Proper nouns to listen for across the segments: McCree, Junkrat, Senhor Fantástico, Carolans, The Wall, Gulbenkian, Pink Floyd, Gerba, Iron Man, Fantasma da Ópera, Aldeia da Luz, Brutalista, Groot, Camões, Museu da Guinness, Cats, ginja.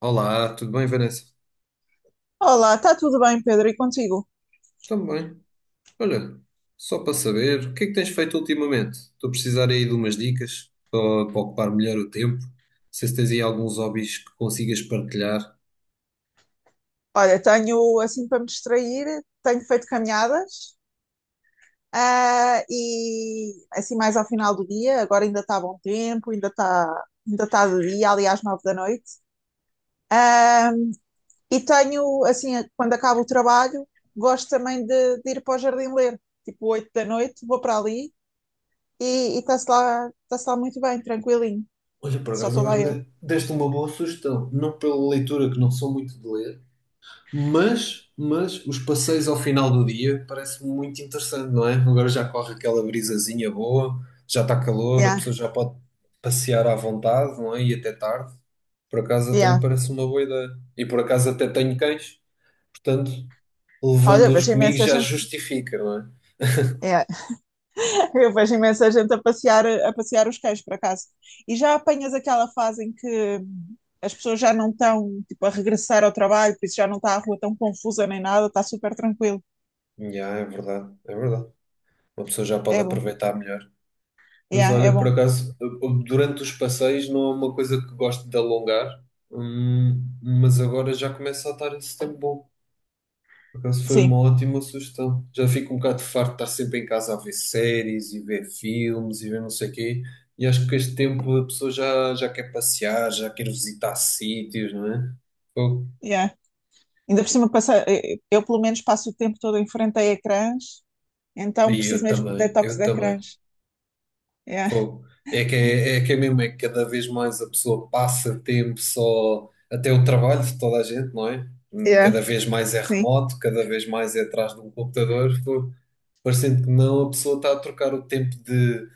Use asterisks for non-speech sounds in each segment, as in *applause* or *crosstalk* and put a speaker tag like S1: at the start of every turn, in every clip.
S1: Olá, tudo bem, Vanessa?
S2: Olá, está tudo bem, Pedro? E contigo?
S1: Também. Olha, só para saber, o que é que tens feito ultimamente? Estou a precisar aí de umas dicas para ocupar melhor o tempo. Não sei se tens aí alguns hobbies que consigas partilhar.
S2: Olha, tenho assim para me distrair, tenho feito caminhadas, e assim mais ao final do dia, agora ainda está bom tempo, ainda está de dia, ali às 9 da noite. Ah, e tenho, assim, quando acabo o trabalho, gosto também de ir para o jardim ler, tipo 8 da noite, vou para ali e e está-se lá muito bem, tranquilinho,
S1: Olha, por
S2: só
S1: acaso
S2: estou lá
S1: agora
S2: eu.
S1: deste uma boa sugestão. Não pela leitura, que não sou muito de ler. Mas os passeios ao final do dia parece muito interessante, não é? Agora já corre aquela brisazinha boa, já está calor, a
S2: Yeah,
S1: pessoa já pode passear à vontade, não é? E até tarde. Por acaso até me
S2: yeah.
S1: parece uma boa ideia. E por acaso até tenho cães, portanto,
S2: Olha,
S1: levando-os
S2: vejo
S1: comigo
S2: imensa
S1: já
S2: gente.
S1: justifica, não
S2: Yeah, eu vejo imensa gente a passear os cães, por acaso. E já apanhas aquela fase em que as pessoas já não estão, tipo, a regressar ao trabalho, por isso já não está a rua tão confusa nem nada, está super tranquilo.
S1: é? Já, é verdade, é verdade. Uma pessoa já pode
S2: É bom.
S1: aproveitar melhor. Mas
S2: Yeah, é
S1: olha, por
S2: bom.
S1: acaso, durante os passeios não é uma coisa que gosto de alongar. Mas agora já começa a estar esse tempo bom. Por acaso foi uma
S2: Sim,
S1: ótima sugestão. Já fico um bocado farto de estar sempre em casa a ver séries e ver filmes e ver não sei o quê. E acho que com este tempo a pessoa já quer passear, já quer visitar sítios, não é? Fogo.
S2: yeah. Ainda por cima, passa, eu pelo menos passo o tempo todo em frente a ecrãs, então
S1: E
S2: preciso
S1: eu
S2: mesmo de
S1: também,
S2: detox
S1: eu
S2: de
S1: também.
S2: ecrãs. Yeah,
S1: Fogo. É que é mesmo, é que cada vez mais a pessoa passa tempo só, até o trabalho de toda a gente, não é?
S2: yeah,
S1: Cada vez mais é
S2: sim,
S1: remoto, cada vez mais é atrás de um computador. Fogo. Parecendo que não, a pessoa está a trocar o tempo de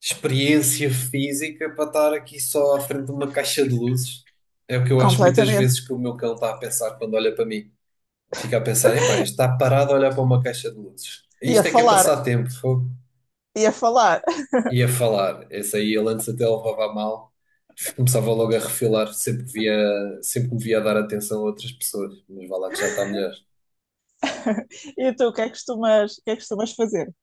S1: experiência física para estar aqui só à frente de uma caixa de luzes. É o que eu acho muitas
S2: completamente.
S1: vezes que o meu cão está a pensar quando olha para mim. Fica a pensar, epá, isto está parado a olhar para uma caixa de luzes.
S2: E a
S1: Isto é que é
S2: falar,
S1: passar tempo, fogo.
S2: e a falar. *laughs*
S1: E a falar. Esse aí ele antes até levava a mal. Começava logo a refilar sempre que me via a dar atenção a outras pessoas. Mas vá lá que já está melhor.
S2: E tu, o que é que costumas fazer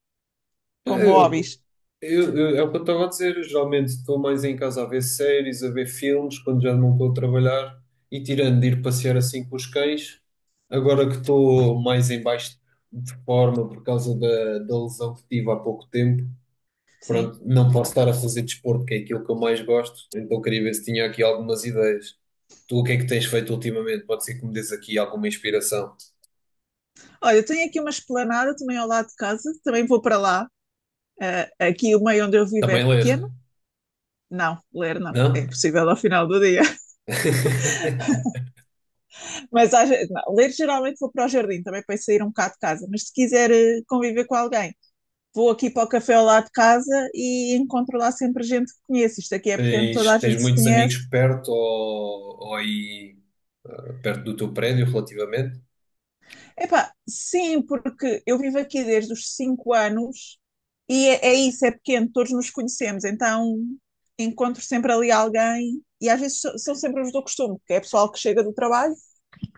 S1: É,
S2: como hobbies?
S1: É o que eu estava a dizer. Eu Geralmente estou mais em casa a ver séries, a ver filmes, quando já não estou a trabalhar e tirando de ir passear assim com os cães. Agora que estou mais em baixo de forma por causa da lesão que tive há pouco tempo,
S2: Sim.
S1: pronto, não posso estar a fazer desporto, que é aquilo que eu mais gosto. Então queria ver se tinha aqui algumas ideias. Tu o que é que tens feito ultimamente? Pode ser que me dês aqui alguma inspiração.
S2: Olha, eu tenho aqui uma esplanada também ao lado de casa, também vou para lá. Eh, aqui o meio onde eu vivo é
S1: Também ler,
S2: pequeno. Não, ler não, é
S1: não?
S2: impossível ao final do dia. *laughs*
S1: *laughs*
S2: Mas não, ler geralmente vou para o jardim, também para sair um bocado de casa. Mas se quiser conviver com alguém, vou aqui para o café ao lado de casa e encontro lá sempre gente que conheço. Isto aqui é pequeno, toda
S1: Tens,
S2: a
S1: tens
S2: gente se
S1: muitos
S2: conhece.
S1: amigos perto ou aí perto do teu prédio, relativamente?
S2: Epá, sim, porque eu vivo aqui desde os 5 anos e é, é isso, é pequeno, todos nos conhecemos, então encontro sempre ali alguém e às vezes são sempre os do costume, que é pessoal que chega do trabalho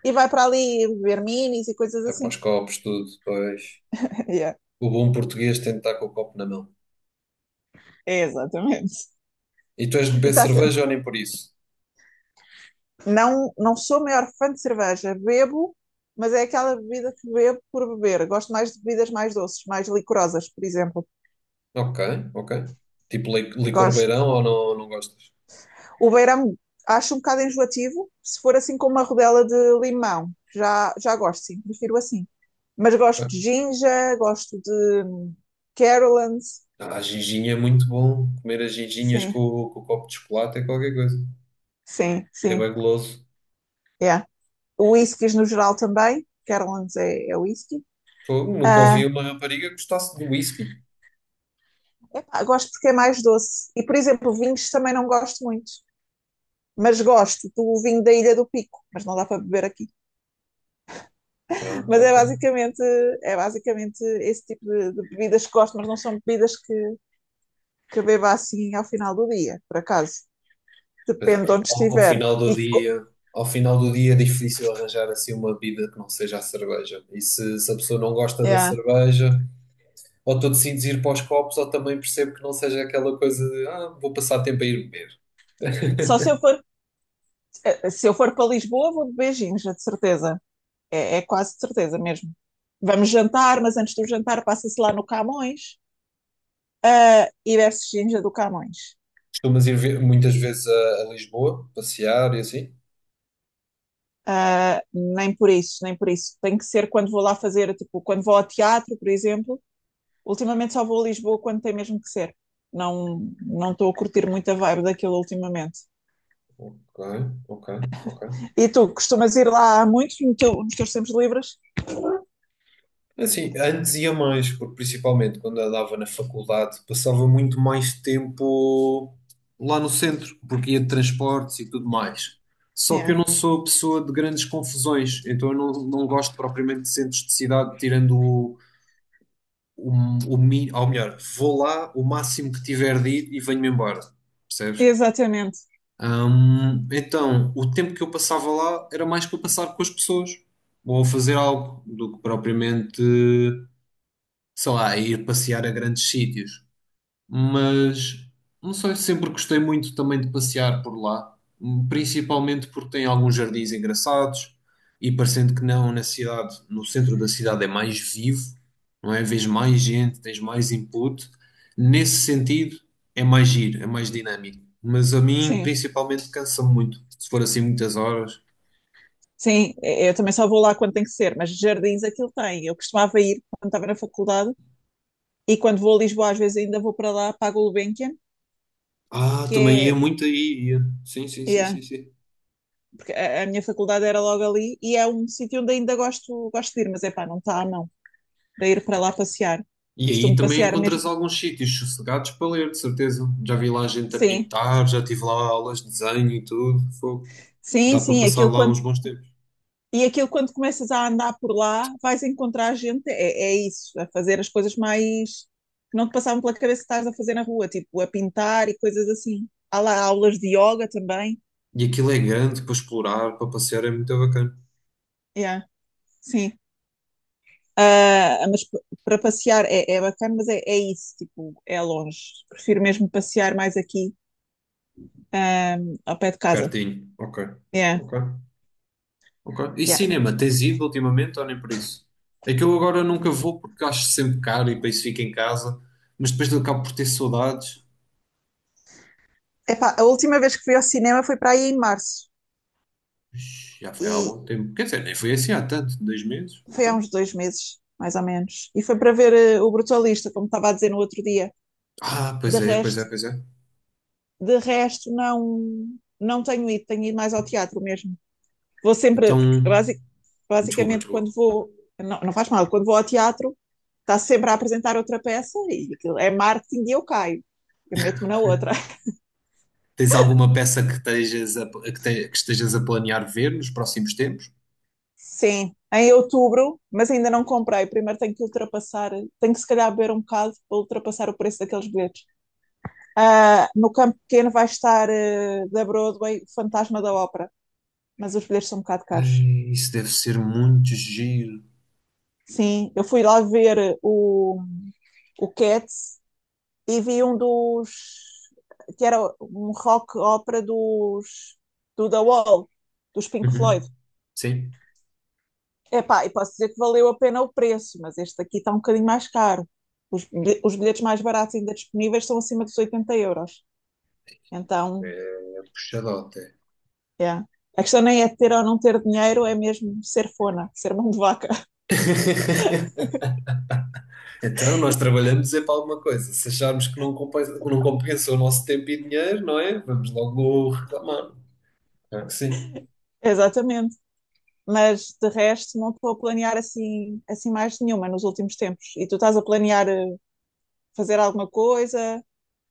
S2: e vai para ali ver minis e coisas
S1: É para
S2: assim.
S1: os copos, tudo. Pois.
S2: *laughs* Yeah,
S1: O bom português tem de estar com o copo na mão.
S2: é exatamente.
S1: E tu és de beber
S2: E tá, se-
S1: cerveja ou nem por isso?
S2: não, não sou a maior fã de cerveja, bebo, mas é aquela bebida que bebo por beber. Gosto mais de bebidas mais doces, mais licorosas, por exemplo.
S1: Ok, ok. Tipo licor
S2: Gosto.
S1: beirão ou não, não gostas?
S2: O beirão acho um bocado enjoativo, se for assim com uma rodela de limão. Já gosto, sim, prefiro assim. Mas
S1: Ok.
S2: gosto de ginger, gosto de Carolans,
S1: Ah, a ginginha é muito bom. Comer as ginginhas com,
S2: sim,
S1: com o copo de chocolate é qualquer coisa.
S2: sim,
S1: É
S2: sim,
S1: bem goloso.
S2: yeah. Whiskies no geral também, Carolans é whisky.
S1: Fogo, nunca ouvi
S2: Ah,
S1: uma rapariga que gostasse de whisky.
S2: epá, gosto porque é mais doce. E, por exemplo, vinhos também não gosto muito. Mas gosto do vinho da Ilha do Pico, mas não dá para beber aqui.
S1: Pronto,
S2: Mas é
S1: ok.
S2: basicamente, é basicamente esse tipo de bebidas que gosto, mas não são bebidas que beba assim ao final do dia, por acaso.
S1: Pois,
S2: Depende de onde estiver.
S1: Ao final do dia é difícil arranjar assim uma bebida que não seja a cerveja. E se a pessoa não gosta da
S2: É.
S1: cerveja, ou tu decides ir para os copos, ou também percebo que não seja aquela coisa de ah, vou passar tempo a ir beber.
S2: Só se eu for, se eu for para Lisboa, vou de beijinhos, é de certeza. É, é quase de certeza mesmo. Vamos jantar, mas antes do jantar passa-se lá no Camões e bebe-se ginja do Camões.
S1: Costumas ir ver muitas vezes a Lisboa, passear e assim?
S2: Ah, nem por isso, nem por isso. Tem que ser quando vou lá fazer, tipo, quando vou ao teatro, por exemplo. Ultimamente só vou a Lisboa quando tem mesmo que ser. Não, não estou a curtir muito a vibe daquilo ultimamente.
S1: Ok, ok, ok.
S2: E tu costumas ir lá há muito no teu- nos teus tempos livres?
S1: Assim, antes ia mais, porque principalmente quando andava na faculdade, passava muito mais tempo lá no centro, porque ia de transportes e tudo mais. Só que eu
S2: É,
S1: não sou a pessoa de grandes confusões, então eu não gosto propriamente de centros de cidade, tirando o, ou melhor, vou lá o máximo que tiver de ir e venho-me embora, percebes?
S2: exatamente,
S1: Então, o tempo que eu passava lá era mais para passar com as pessoas, ou a fazer algo, do que propriamente sei lá, ir passear a grandes sítios. Mas não sei, sempre gostei muito também de passear por lá, principalmente porque tem alguns jardins engraçados e parecendo que não, no centro da cidade é mais vivo, não é? Vês mais gente, tens mais input. Nesse sentido, é mais giro, é mais dinâmico. Mas a mim,
S2: sim.
S1: principalmente, cansa-me muito. Se for assim muitas horas.
S2: Sim, eu também só vou lá quando tem que ser, mas jardins aquilo tem. Eu costumava ir quando estava na faculdade e quando vou a Lisboa, às vezes ainda vou para lá, para a Gulbenkian,
S1: Ah,
S2: que
S1: também ia
S2: é,
S1: muito aí, ia. Sim, sim, sim,
S2: yeah,
S1: sim, sim.
S2: porque a minha faculdade era logo ali e é um sítio onde ainda gosto, gosto de ir, mas é pá, não está não, para ir para lá passear.
S1: E aí
S2: Costumo
S1: também
S2: passear
S1: encontras
S2: mesmo.
S1: alguns sítios sossegados para ler, de certeza. Já vi lá gente a
S2: Sim,
S1: pintar, já tive lá aulas de desenho e tudo. Fogo.
S2: sim,
S1: Dá para
S2: sim,
S1: passar
S2: aquilo
S1: lá
S2: quando.
S1: uns bons tempos.
S2: E aquilo, quando começas a andar por lá, vais encontrar gente, é, é isso, a fazer as coisas mais que não te passavam pela cabeça que estás a fazer na rua, tipo a pintar e coisas assim. Há lá aulas de yoga também.
S1: E aquilo é grande para explorar, para passear, é muito bacana.
S2: Yeah, sim. Ah, mas p- Para passear é, é bacana, mas é, é isso, tipo, é longe. Prefiro mesmo passear mais aqui, ah, ao pé de casa.
S1: Pertinho. Ok.
S2: Yeah.
S1: Ok. Ok. E
S2: Yeah.
S1: cinema, tens ido ultimamente ou nem por isso? É que eu agora nunca vou porque acho sempre caro e para isso fico em casa. Mas depois eu acabo por ter saudades.
S2: Epá, a última vez que fui ao cinema foi para aí em março.
S1: Ixi, já foi há
S2: E
S1: algum tempo. Quer dizer, nem foi assim há tanto, 2 meses.
S2: foi
S1: Ok.
S2: há uns dois meses, mais ou menos. E foi para ver o Brutalista, como estava a dizer no outro dia.
S1: Ah,
S2: De
S1: pois é, pois
S2: resto,
S1: é, pois é.
S2: de resto não, não tenho ido, tenho ido mais ao teatro mesmo. Vou sempre,
S1: Então.
S2: porque basic,
S1: Desculpa,
S2: basicamente
S1: desculpa.
S2: quando vou, não, não faz mal, quando vou ao teatro, está sempre a apresentar outra peça e é marketing e eu caio. Eu meto-me na outra. *laughs*
S1: Tens alguma peça que estejas a planear ver nos próximos tempos?
S2: Sim, em outubro, mas ainda não comprei. Primeiro tenho que ultrapassar, tenho que se calhar beber um bocado para ultrapassar o preço daqueles bilhetes. Ah, no campo pequeno vai estar ah, da Broadway o Fantasma da Ópera, mas os bilhetes são um bocado caros.
S1: Ai, isso deve ser muito giro.
S2: Sim, eu fui lá ver o Cats e vi um dos que era um rock ópera dos do The Wall, dos Pink Floyd.
S1: Uhum. Sim.
S2: Epá, e posso dizer que valeu a pena o preço, mas este aqui está um bocadinho mais caro. Os, os bilhetes mais baratos ainda disponíveis são acima dos 80€. Então,
S1: Puxado até.
S2: yeah. A questão nem é ter ou não ter dinheiro, é mesmo ser fona, ser mão de vaca. *laughs*
S1: *laughs* Então, nós trabalhamos é para alguma coisa. Se acharmos que não compensa o nosso tempo e dinheiro, não é? Vamos logo reclamar. Claro que sim.
S2: Exatamente. Mas de resto não estou a planear assim mais nenhuma nos últimos tempos. E tu estás a planear fazer alguma coisa,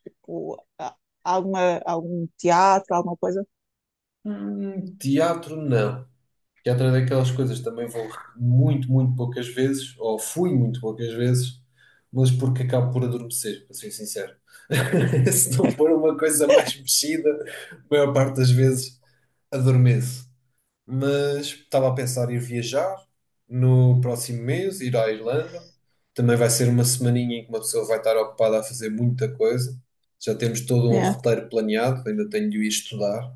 S2: Tipo, a- alguma, algum teatro, alguma coisa?
S1: Hum, teatro, não. Que é outra daquelas coisas, também vou muito, muito poucas vezes, ou fui muito poucas vezes, mas porque acabo por adormecer, para ser sincero. *laughs* Se não for uma coisa mais mexida, a maior parte das vezes adormeço. Mas estava a pensar em viajar no próximo mês, ir à Irlanda. Também vai ser uma semaninha em que uma pessoa vai estar ocupada a fazer muita coisa. Já temos todo um
S2: Yeah.
S1: roteiro planeado, ainda tenho de o ir estudar,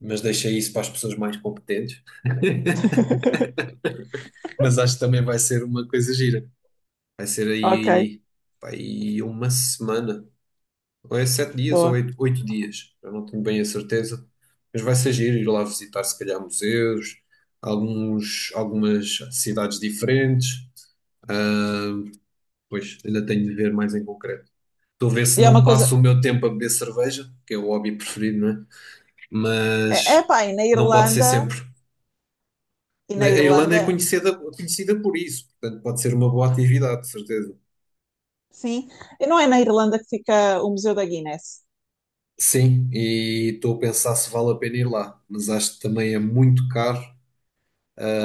S1: mas deixei isso para as pessoas mais competentes. *laughs*
S2: *laughs*
S1: Mas acho que também vai ser uma coisa gira. Vai ser
S2: Ok,
S1: aí, pá, aí uma semana, ou é 7 dias ou
S2: boa.
S1: oito dias, eu não tenho bem a certeza. Mas vai ser giro ir lá visitar, se calhar, museus, algumas cidades diferentes. Ah, pois, ainda tenho de ver mais em concreto. Estou a ver se
S2: E é
S1: não
S2: uma coisa.
S1: passo o meu tempo a beber cerveja, que é o hobby preferido, não é?
S2: É, é
S1: Mas
S2: pá,
S1: não pode ser sempre.
S2: E
S1: A
S2: na
S1: Irlanda é
S2: Irlanda,
S1: conhecida, conhecida por isso, portanto, pode ser uma boa atividade, de certeza.
S2: sim, e não é na Irlanda que fica o Museu da Guinness.
S1: Sim, e estou a pensar se vale a pena ir lá, mas acho que também é muito caro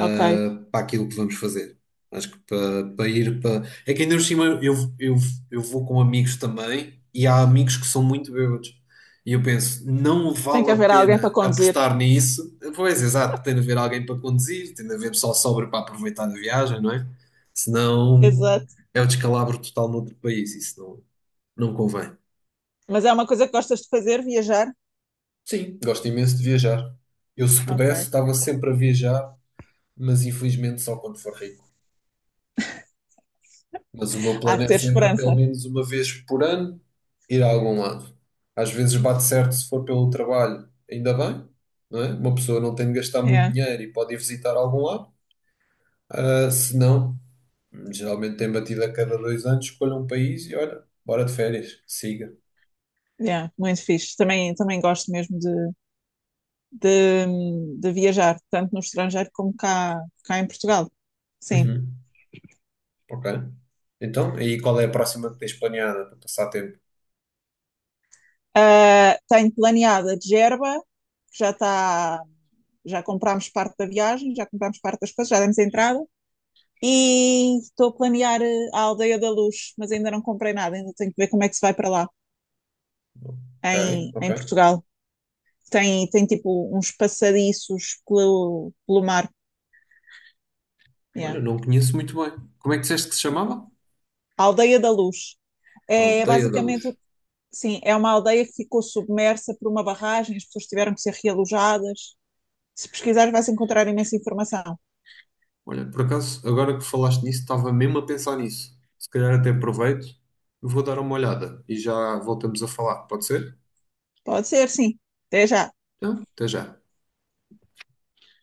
S2: Ok.
S1: para aquilo que vamos fazer. Acho que para ir para. É que ainda por cima eu vou com amigos também e há amigos que são muito bêbados. E eu penso, não
S2: Tem que
S1: vale a
S2: haver alguém para
S1: pena
S2: conduzir.
S1: apostar nisso. Pois, exato, tem de haver alguém para conduzir, tem de haver pessoal sóbrio para aproveitar a viagem, não é? Senão
S2: Exato.
S1: é o descalabro total no outro país, isso não convém.
S2: Mas é uma coisa que gostas de fazer, viajar?
S1: Sim, gosto imenso de viajar. Eu, se pudesse,
S2: Ok.
S1: estava sempre a viajar, mas infelizmente só quando for rico. Mas o meu
S2: Há
S1: plano
S2: de
S1: é
S2: ter
S1: sempre, pelo
S2: esperança.
S1: menos uma vez por ano, ir a algum lado. Às vezes bate certo se for pelo trabalho, ainda bem, não é? Uma pessoa não tem de gastar muito
S2: Yeah.
S1: dinheiro e pode ir visitar algum lado. Ah, se não, geralmente tem batido a cada 2 anos, escolha um país e olha, bora de férias, siga.
S2: Yeah, muito fixe. Também, também gosto mesmo de, de viajar, tanto no estrangeiro como cá, cá em Portugal. Sim.
S1: Uhum, ok. Então, aí qual é a próxima que tens planeada para passar tempo?
S2: Ah, tenho planeada a de Gerba, que já está. Já comprámos parte da viagem, já comprámos parte das coisas, já demos a entrada. E estou a planear a Aldeia da Luz, mas ainda não comprei nada, ainda tenho que ver como é que se vai para lá,
S1: Ok, ok.
S2: em Portugal. Tem, tem tipo uns passadiços pelo, pelo mar.
S1: Olha,
S2: Yeah.
S1: não conheço muito bem. Como é que disseste que se chamava?
S2: A Aldeia da Luz. É
S1: Aldeia da
S2: basicamente,
S1: Luz.
S2: sim, é uma aldeia que ficou submersa por uma barragem, as pessoas tiveram que ser realojadas. Se pesquisares, vais encontrar imensa informação.
S1: Olha, por acaso, agora que falaste nisso, estava mesmo a pensar nisso. Se calhar até aproveito, vou dar uma olhada e já voltamos a falar, pode ser?
S2: Pode ser, sim. Até já.
S1: Então, até já.